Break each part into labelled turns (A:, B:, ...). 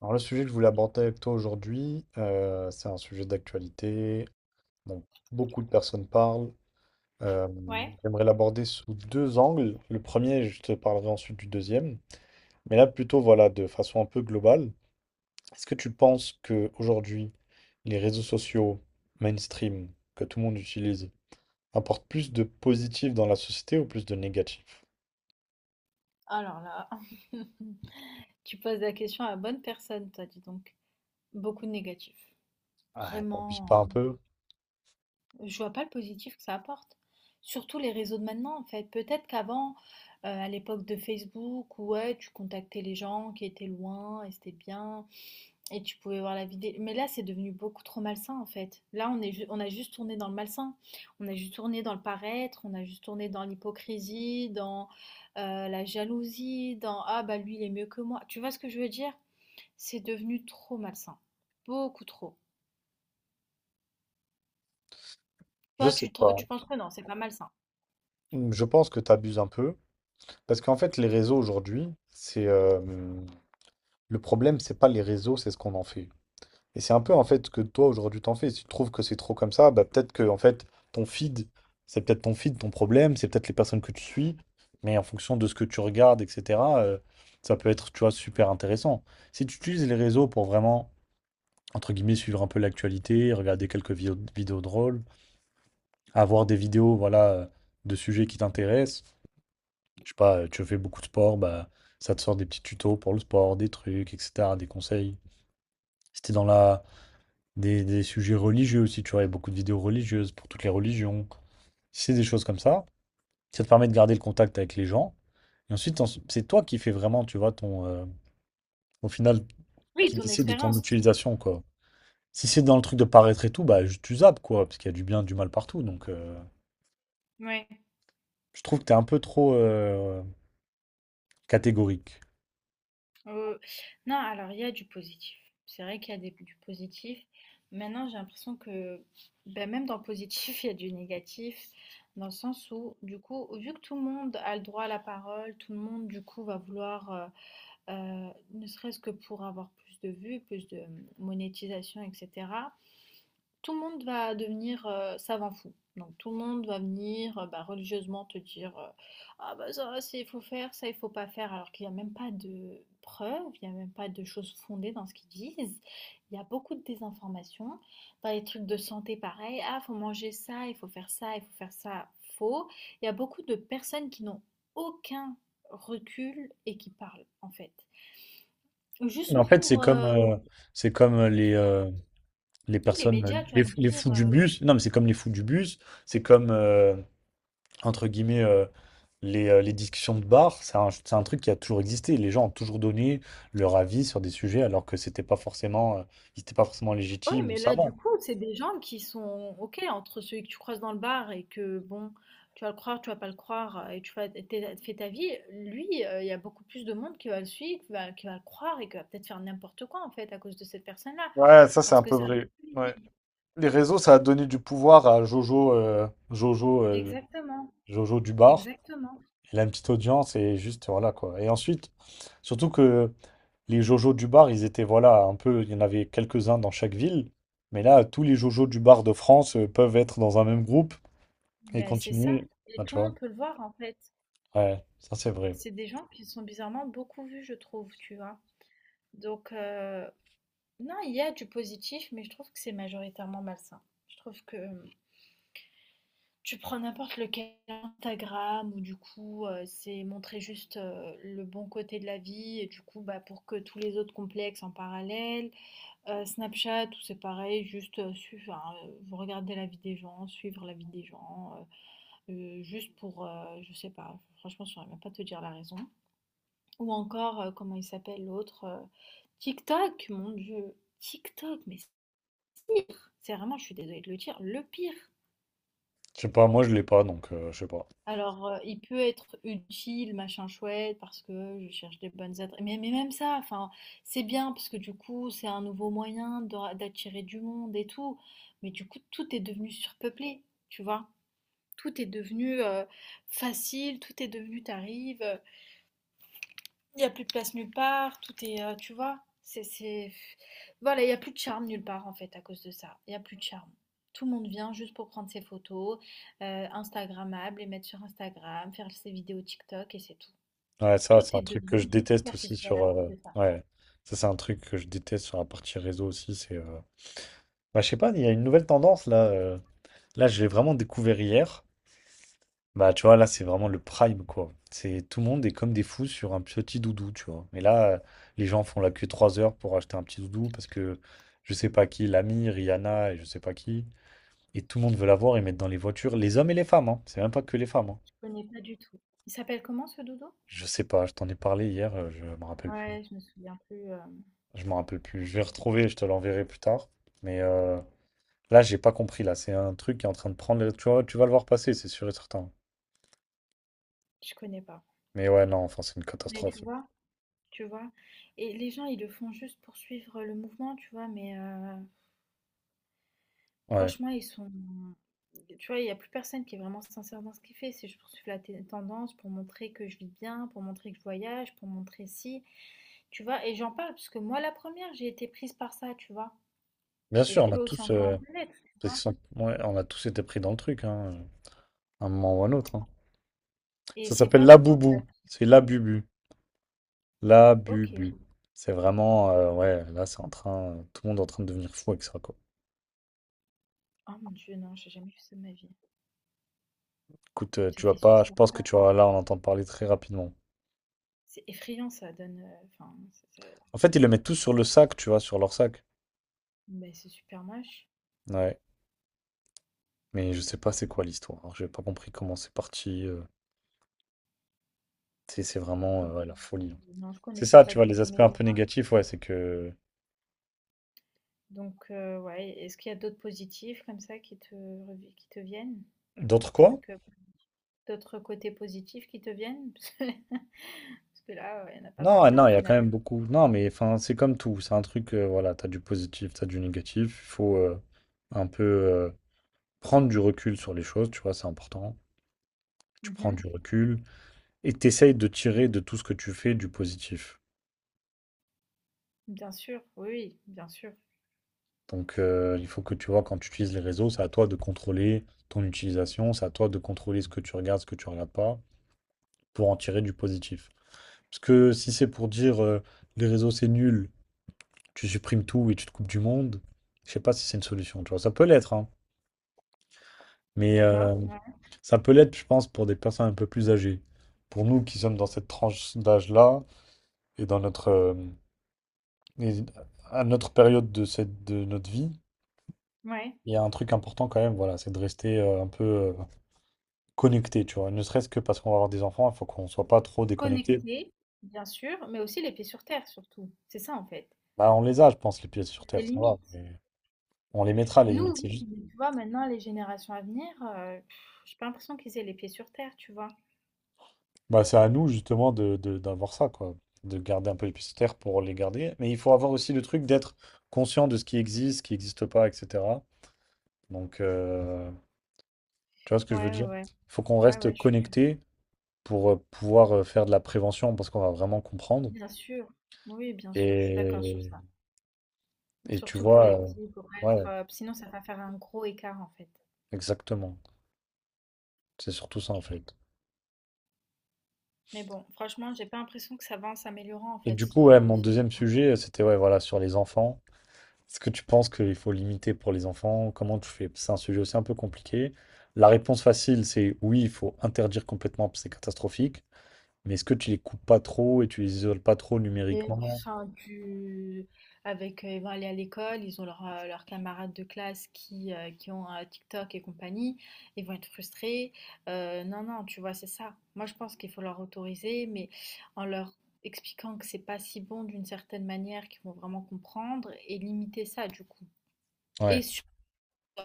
A: Alors le sujet que je voulais aborder avec toi aujourd'hui, c'est un sujet d'actualité dont beaucoup de personnes parlent. Euh,
B: Ouais,
A: J'aimerais l'aborder sous deux angles. Le premier, je te parlerai ensuite du deuxième. Mais là, plutôt, voilà, de façon un peu globale. Est-ce que tu penses que aujourd'hui, les réseaux sociaux mainstream que tout le monde utilise apportent plus de positif dans la société ou plus de négatif?
B: alors là, tu poses la question à la bonne personne, toi, dis donc. Beaucoup de négatifs.
A: Ah, t'abuses pas
B: Vraiment,
A: un peu?
B: je vois pas le positif que ça apporte. Surtout les réseaux de maintenant, en fait. Peut-être qu'avant, à l'époque de Facebook, ouais, tu contactais les gens qui étaient loin et c'était bien. Et tu pouvais voir la vidéo. Mais là, c'est devenu beaucoup trop malsain, en fait. Là, on est, on a juste tourné dans le malsain. On a juste tourné dans le paraître. On a juste tourné dans l'hypocrisie, dans la jalousie, dans ah bah lui, il est mieux que moi. Tu vois ce que je veux dire? C'est devenu trop malsain. Beaucoup trop.
A: Je
B: Toi,
A: sais pas.
B: tu penses que non, c'est pas malsain.
A: Je pense que t'abuses un peu. Parce qu'en fait, les réseaux aujourd'hui, c'est le problème, c'est pas les réseaux, c'est ce qu'on en fait. Et c'est un peu en fait ce que toi aujourd'hui t'en fais. Si tu trouves que c'est trop comme ça, bah peut-être que en fait ton feed, c'est peut-être ton feed, ton problème, c'est peut-être les personnes que tu suis, mais en fonction de ce que tu regardes, etc., ça peut être, tu vois, super intéressant. Si tu utilises les réseaux pour vraiment, entre guillemets, suivre un peu l'actualité, regarder quelques vidéos drôles, avoir des vidéos, voilà, de sujets qui t'intéressent, je sais pas, tu fais beaucoup de sport, bah ça te sort des petits tutos pour le sport, des trucs, etc., des conseils. Si t'es dans la Des sujets religieux aussi, tu vois, il y a beaucoup de vidéos religieuses pour toutes les religions. C'est des choses comme ça. Ça te permet de garder le contact avec les gens. Et ensuite, c'est toi qui fais vraiment, tu vois, au final,
B: Oui,
A: qui
B: ton
A: décide de ton
B: expérience.
A: utilisation, quoi. Si c'est dans le truc de paraître et tout, bah, tu zappes, quoi, parce qu'il y a du bien, du mal partout. Donc,
B: Ouais,
A: je trouve que t'es un peu trop catégorique.
B: heu, non, alors il y a du positif. C'est vrai qu'il y a des du positif. Maintenant, j'ai l'impression que, ben, même dans le positif, il y a du négatif, dans le sens où, du coup, vu que tout le monde a le droit à la parole, tout le monde, du coup, va vouloir, ne serait-ce que pour avoir plus de vues, plus de monétisation, etc. Tout le monde va devenir, savant fou. Donc tout le monde va venir, bah, religieusement te dire, «Ah bah ça, c'est il faut faire, ça il faut pas faire», alors qu'il y a même pas de preuves, il y a même pas de choses fondées dans ce qu'ils disent. Il y a beaucoup de désinformation. Dans les trucs de santé, pareil: «Ah, faut manger ça, il faut faire ça, il faut faire ça». Faux. Il y a beaucoup de personnes qui n'ont aucun recul et qui parlent, en fait.
A: Mais
B: Juste
A: en fait,
B: pour,
A: c'est comme, euh, c'est comme les
B: oui les
A: personnes,
B: médias, tu vas
A: les,
B: me
A: les
B: dire,
A: fous du bus. Non, mais c'est comme les fous du bus. C'est comme, euh, Entre guillemets, les discussions de bar, c'est un truc qui a toujours existé. Les gens ont toujours donné leur avis sur des sujets alors que c'était pas forcément, ils étaient pas forcément
B: oui,
A: légitimes ou
B: mais là, du
A: savants.
B: coup, c'est des gens qui sont OK entre celui que tu croises dans le bar et que, bon, tu vas le croire, tu vas pas le croire, et tu fais, fais ta vie. Lui, il y a beaucoup plus de monde qui va le suivre, qui va le croire et qui va peut-être faire n'importe quoi, en fait, à cause de cette personne-là.
A: Ouais, ça c'est
B: Parce
A: un
B: que
A: peu
B: ça reste
A: vrai. Ouais.
B: crédible.
A: Les réseaux, ça a donné du pouvoir à
B: Exactement,
A: Jojo du bar.
B: exactement.
A: Il a une petite audience et juste voilà quoi. Et ensuite, surtout que les Jojo du bar, ils étaient voilà un peu, il y en avait quelques-uns dans chaque ville, mais là, tous les Jojo du bar de France peuvent être dans un même groupe et
B: Ben, c'est ça.
A: continuer.
B: Et
A: Enfin, tu
B: tout le
A: vois.
B: monde peut le voir, en fait.
A: Ouais, ça c'est vrai.
B: C'est des gens qui sont bizarrement beaucoup vus, je trouve, tu vois. Donc, non, il y a du positif, mais je trouve que c'est majoritairement malsain. Je trouve que. Tu prends n'importe lequel, Instagram ou du coup, c'est montrer juste, le bon côté de la vie et du coup, bah, pour que tous les autres complexes en parallèle. Snapchat où c'est pareil, juste, suivre enfin, vous regardez la vie des gens, suivre la vie des gens, juste pour, je sais pas, franchement, je ne saurais même pas te dire la raison. Ou encore, comment il s'appelle l'autre, TikTok, mon Dieu, TikTok, mais c'est pire! C'est vraiment, je suis désolée de le dire, le pire.
A: Je sais pas, moi je l'ai pas, donc je sais pas.
B: Alors, il peut être utile, machin chouette, parce que je cherche des bonnes adresses. Mais même ça, enfin, c'est bien, parce que du coup, c'est un nouveau moyen d'attirer du monde et tout. Mais du coup, tout est devenu surpeuplé, tu vois. Tout est devenu facile, tout est devenu, t'arrives. Il y a plus de place nulle part, tout est, tu vois, c'est... Voilà, il y a plus de charme nulle part en fait à cause de ça. Il y a plus de charme. Tout le monde vient juste pour prendre ses photos, Instagrammables, les mettre sur Instagram, faire ses vidéos TikTok et c'est tout.
A: Ouais, ça, c'est
B: Tout est
A: un truc que je
B: devenu
A: déteste aussi
B: superficiel
A: sur.
B: à cause de ça.
A: Ouais, ça, c'est un truc que je déteste sur la partie réseau aussi. C'est. Bah, je sais pas, il y a une nouvelle tendance là. Là, je l'ai vraiment découvert hier. Bah, tu vois, là, c'est vraiment le prime, quoi. C'est tout le monde est comme des fous sur un petit doudou, tu vois. Mais là, les gens font la queue 3 heures pour acheter un petit doudou parce que je sais pas qui, l'ami, Rihanna et je sais pas qui. Et tout le monde veut l'avoir et mettre dans les voitures, les hommes et les femmes, hein. C'est même pas que les femmes, hein.
B: Je connais pas du tout. Il s'appelle comment ce doudou?
A: Je sais pas, je t'en ai parlé hier, je me rappelle plus.
B: Ouais, je me souviens plus.
A: Je m'en rappelle plus. Je vais retrouver, je te l'enverrai plus tard. Mais là, j'ai pas compris. Là, c'est un truc qui est en train de prendre. Tu vois, tu vas le voir passer, c'est sûr et certain.
B: Je connais pas.
A: Mais ouais, non, enfin, c'est une
B: Mais tu
A: catastrophe.
B: vois, tu vois. Et les gens, ils le font juste pour suivre le mouvement, tu vois. Mais
A: Ouais.
B: franchement, ils sont tu vois, il y a plus personne qui est vraiment sincère dans ce qu'il fait. C'est je poursuis la tendance pour montrer que je vis bien, pour montrer que je voyage, pour montrer si. Tu vois, et j'en parle parce que moi, la première, j'ai été prise par ça, tu vois.
A: Bien
B: Et
A: sûr,
B: je
A: on a
B: peux aussi
A: tous,
B: encore un peu l'être, tu
A: parce
B: vois.
A: qu'ils sont- ouais, on a tous été pris dans le truc, hein, à un moment ou à un autre, hein.
B: Et
A: Ça
B: c'est
A: s'appelle
B: pas bon,
A: la
B: en fait.
A: boubou. C'est la bubu. La
B: Ok.
A: bubu. C'est vraiment, ouais, là, tout le monde est en train de devenir fou avec ça, quoi.
B: Oh mon Dieu, non, j'ai jamais fait ça de ma vie.
A: Écoute,
B: Ça
A: tu vas
B: fait
A: pas, je
B: super
A: pense que
B: peur.
A: tu vas là, on entend parler très rapidement.
B: C'est effrayant, ça donne. Enfin, c'est ça-
A: En fait, ils le mettent tous sur le sac, tu vois, sur leur sac.
B: mais c'est super moche.
A: Ouais. Mais je sais pas c'est quoi l'histoire, hein. J'ai pas compris comment c'est parti, c'est vraiment,
B: Ok.
A: ouais, la folie, hein.
B: Non, je
A: C'est
B: connaissais
A: ça,
B: pas
A: tu vois,
B: du
A: les
B: tout.
A: aspects
B: Mais
A: un
B: tu
A: peu
B: vois,
A: négatifs, ouais, c'est que
B: donc, ouais, est-ce qu'il y a d'autres positifs comme ça qui te revi qui te viennent?
A: d'autres
B: D'autres
A: quoi?
B: trucs, d'autres côtés positifs qui te viennent? Parce que parce que là, il y en a pas tant
A: Non,
B: que
A: ah
B: ça au
A: non, il y a quand
B: final.
A: même beaucoup non, mais enfin, c'est comme tout, c'est un truc, voilà, t'as du positif, t'as du négatif. Il faut, un peu, prendre du recul sur les choses, tu vois, c'est important. Tu prends
B: Mmh.
A: du recul et tu de tirer de tout ce que tu fais du positif.
B: Bien sûr, oui, oui, bien sûr.
A: Donc il faut que tu vois, quand tu utilises les réseaux, c'est à toi de contrôler ton utilisation, c'est à toi de contrôler ce que tu regardes, ce que tu regardes pas, pour en tirer du positif. Parce que si c'est pour dire les réseaux c'est nul, tu supprimes tout et tu te coupes du monde, je sais pas si c'est une solution, tu vois. Ça peut l'être, hein. Mais
B: D'accord, ouais,
A: ça peut l'être, je pense, pour des personnes un peu plus âgées. Pour nous qui sommes dans cette tranche d'âge-là et dans notre, et à notre période de, cette, de notre vie,
B: ouais.
A: il y a un truc important quand même, voilà, c'est de rester un peu connecté, tu vois. Ne serait-ce que parce qu'on va avoir des enfants, il faut qu'on soit pas trop déconnecté.
B: Connecté, bien sûr, mais aussi les pieds sur terre surtout. C'est ça en fait.
A: Bah, on les a, je pense, les pieds sur
B: Il y a
A: terre,
B: des
A: ça va,
B: limites.
A: On les mettra à la limite.
B: Nous, oui,
A: C'est juste...
B: mais tu vois maintenant les générations à venir, j'ai pas l'impression qu'ils aient les pieds sur terre, tu vois?
A: Bah, c'est à nous justement d'avoir ça, quoi. De garder un peu les pieds sur terre pour les garder. Mais il faut avoir aussi le truc d'être conscient de ce qui existe, ce qui n'existe pas, etc. Donc, tu vois ce que je veux
B: Ouais, ouais,
A: dire?
B: ouais.
A: Il faut qu'on
B: Ouais, ouais,
A: reste
B: je suis
A: connecté pour pouvoir faire de la prévention parce qu'on va vraiment comprendre.
B: bien sûr. Oui, bien sûr, je suis d'accord sur
A: Et,
B: ça.
A: et, tu
B: Surtout pour
A: vois,
B: les petits, pour être,
A: ouais,
B: sinon ça va faire un gros écart en fait.
A: exactement. C'est surtout ça en fait.
B: Mais bon, franchement, j'ai pas l'impression que ça va en s'améliorant en
A: Et
B: fait.
A: du coup, ouais,
B: C'est
A: mon deuxième sujet, c'était ouais, voilà, sur les enfants. Est-ce que tu penses qu'il faut limiter pour les enfants? Comment tu fais? C'est un sujet aussi un peu compliqué. La réponse facile, c'est oui, il faut interdire complètement parce que c'est catastrophique. Mais est-ce que tu les coupes pas trop et tu les isoles pas trop numériquement?
B: enfin tu avec, ils vont aller à l'école, ils ont leurs, leurs camarades de classe qui ont, TikTok et compagnie, ils vont être frustrés. Non, non, tu vois, c'est ça. Moi, je pense qu'il faut leur autoriser, mais en leur expliquant que c'est pas si bon d'une certaine manière qu'ils vont vraiment comprendre et limiter ça du coup.
A: Ouais.
B: Et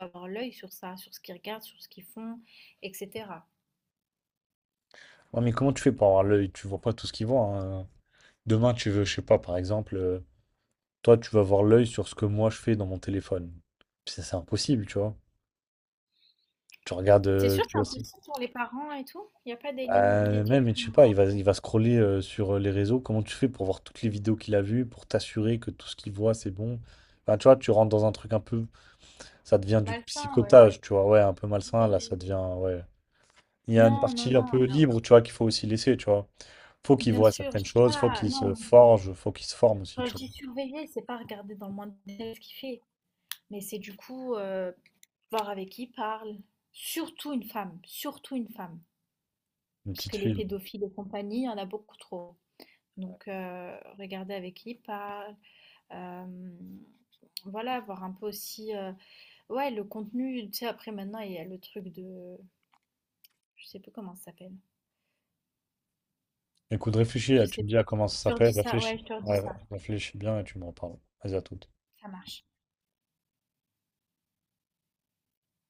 B: avoir l'œil sur ça, sur ce qu'ils regardent, sur ce qu'ils font, etc.
A: Ouais, mais comment tu fais pour avoir l'œil? Tu vois pas tout ce qu'ils voient, hein. Demain, tu veux, je sais pas, par exemple, toi, tu vas avoir l'œil sur ce que moi je fais dans mon téléphone. C'est impossible, tu vois. Tu regardes,
B: C'est sûr,
A: tu
B: c'est
A: vois,
B: impossible pour les parents et tout. Il n'y a pas des limites, des
A: Même,
B: trucs
A: mais je sais pas, il va scroller sur les réseaux. Comment tu fais pour voir toutes les vidéos qu'il a vues, pour t'assurer que tout ce qu'il voit, c'est bon? Enfin, tu vois, tu rentres dans un truc un peu, ça devient du
B: malsains, ouais.
A: psychotage, tu vois, ouais, un peu malsain, là, ça
B: Mais
A: devient, ouais. Il y a une
B: non, non,
A: partie un
B: non.
A: peu libre, tu vois, qu'il faut aussi laisser, tu vois. Faut qu'il
B: Bien
A: voit
B: sûr,
A: certaines
B: je dis
A: choses, faut
B: pas.
A: qu'il se
B: Non,
A: forge, faut qu'il se forme aussi,
B: quand
A: tu
B: je
A: vois.
B: dis surveiller, c'est pas regarder dans le moindre détail ce qu'il fait, mais c'est du coup voir avec qui il parle. Surtout une femme,
A: Une
B: parce
A: petite
B: que les
A: fille.
B: pédophiles et compagnie, il y en a beaucoup trop. Donc, regarder avec qui il parle. euh, voilà, voir un peu aussi. Ouais, le contenu, tu sais, après maintenant, il y a le truc de... Je sais plus comment ça s'appelle.
A: Écoute, réfléchis, là,
B: Je
A: tu
B: sais
A: me dis à
B: plus.
A: comment ça
B: Je te
A: s'appelle,
B: redis ça. Ouais,
A: réfléchis.
B: je te redis
A: Ouais,
B: ça.
A: réfléchis bien et tu me reparles. Vas-y, à tout.
B: Ça marche.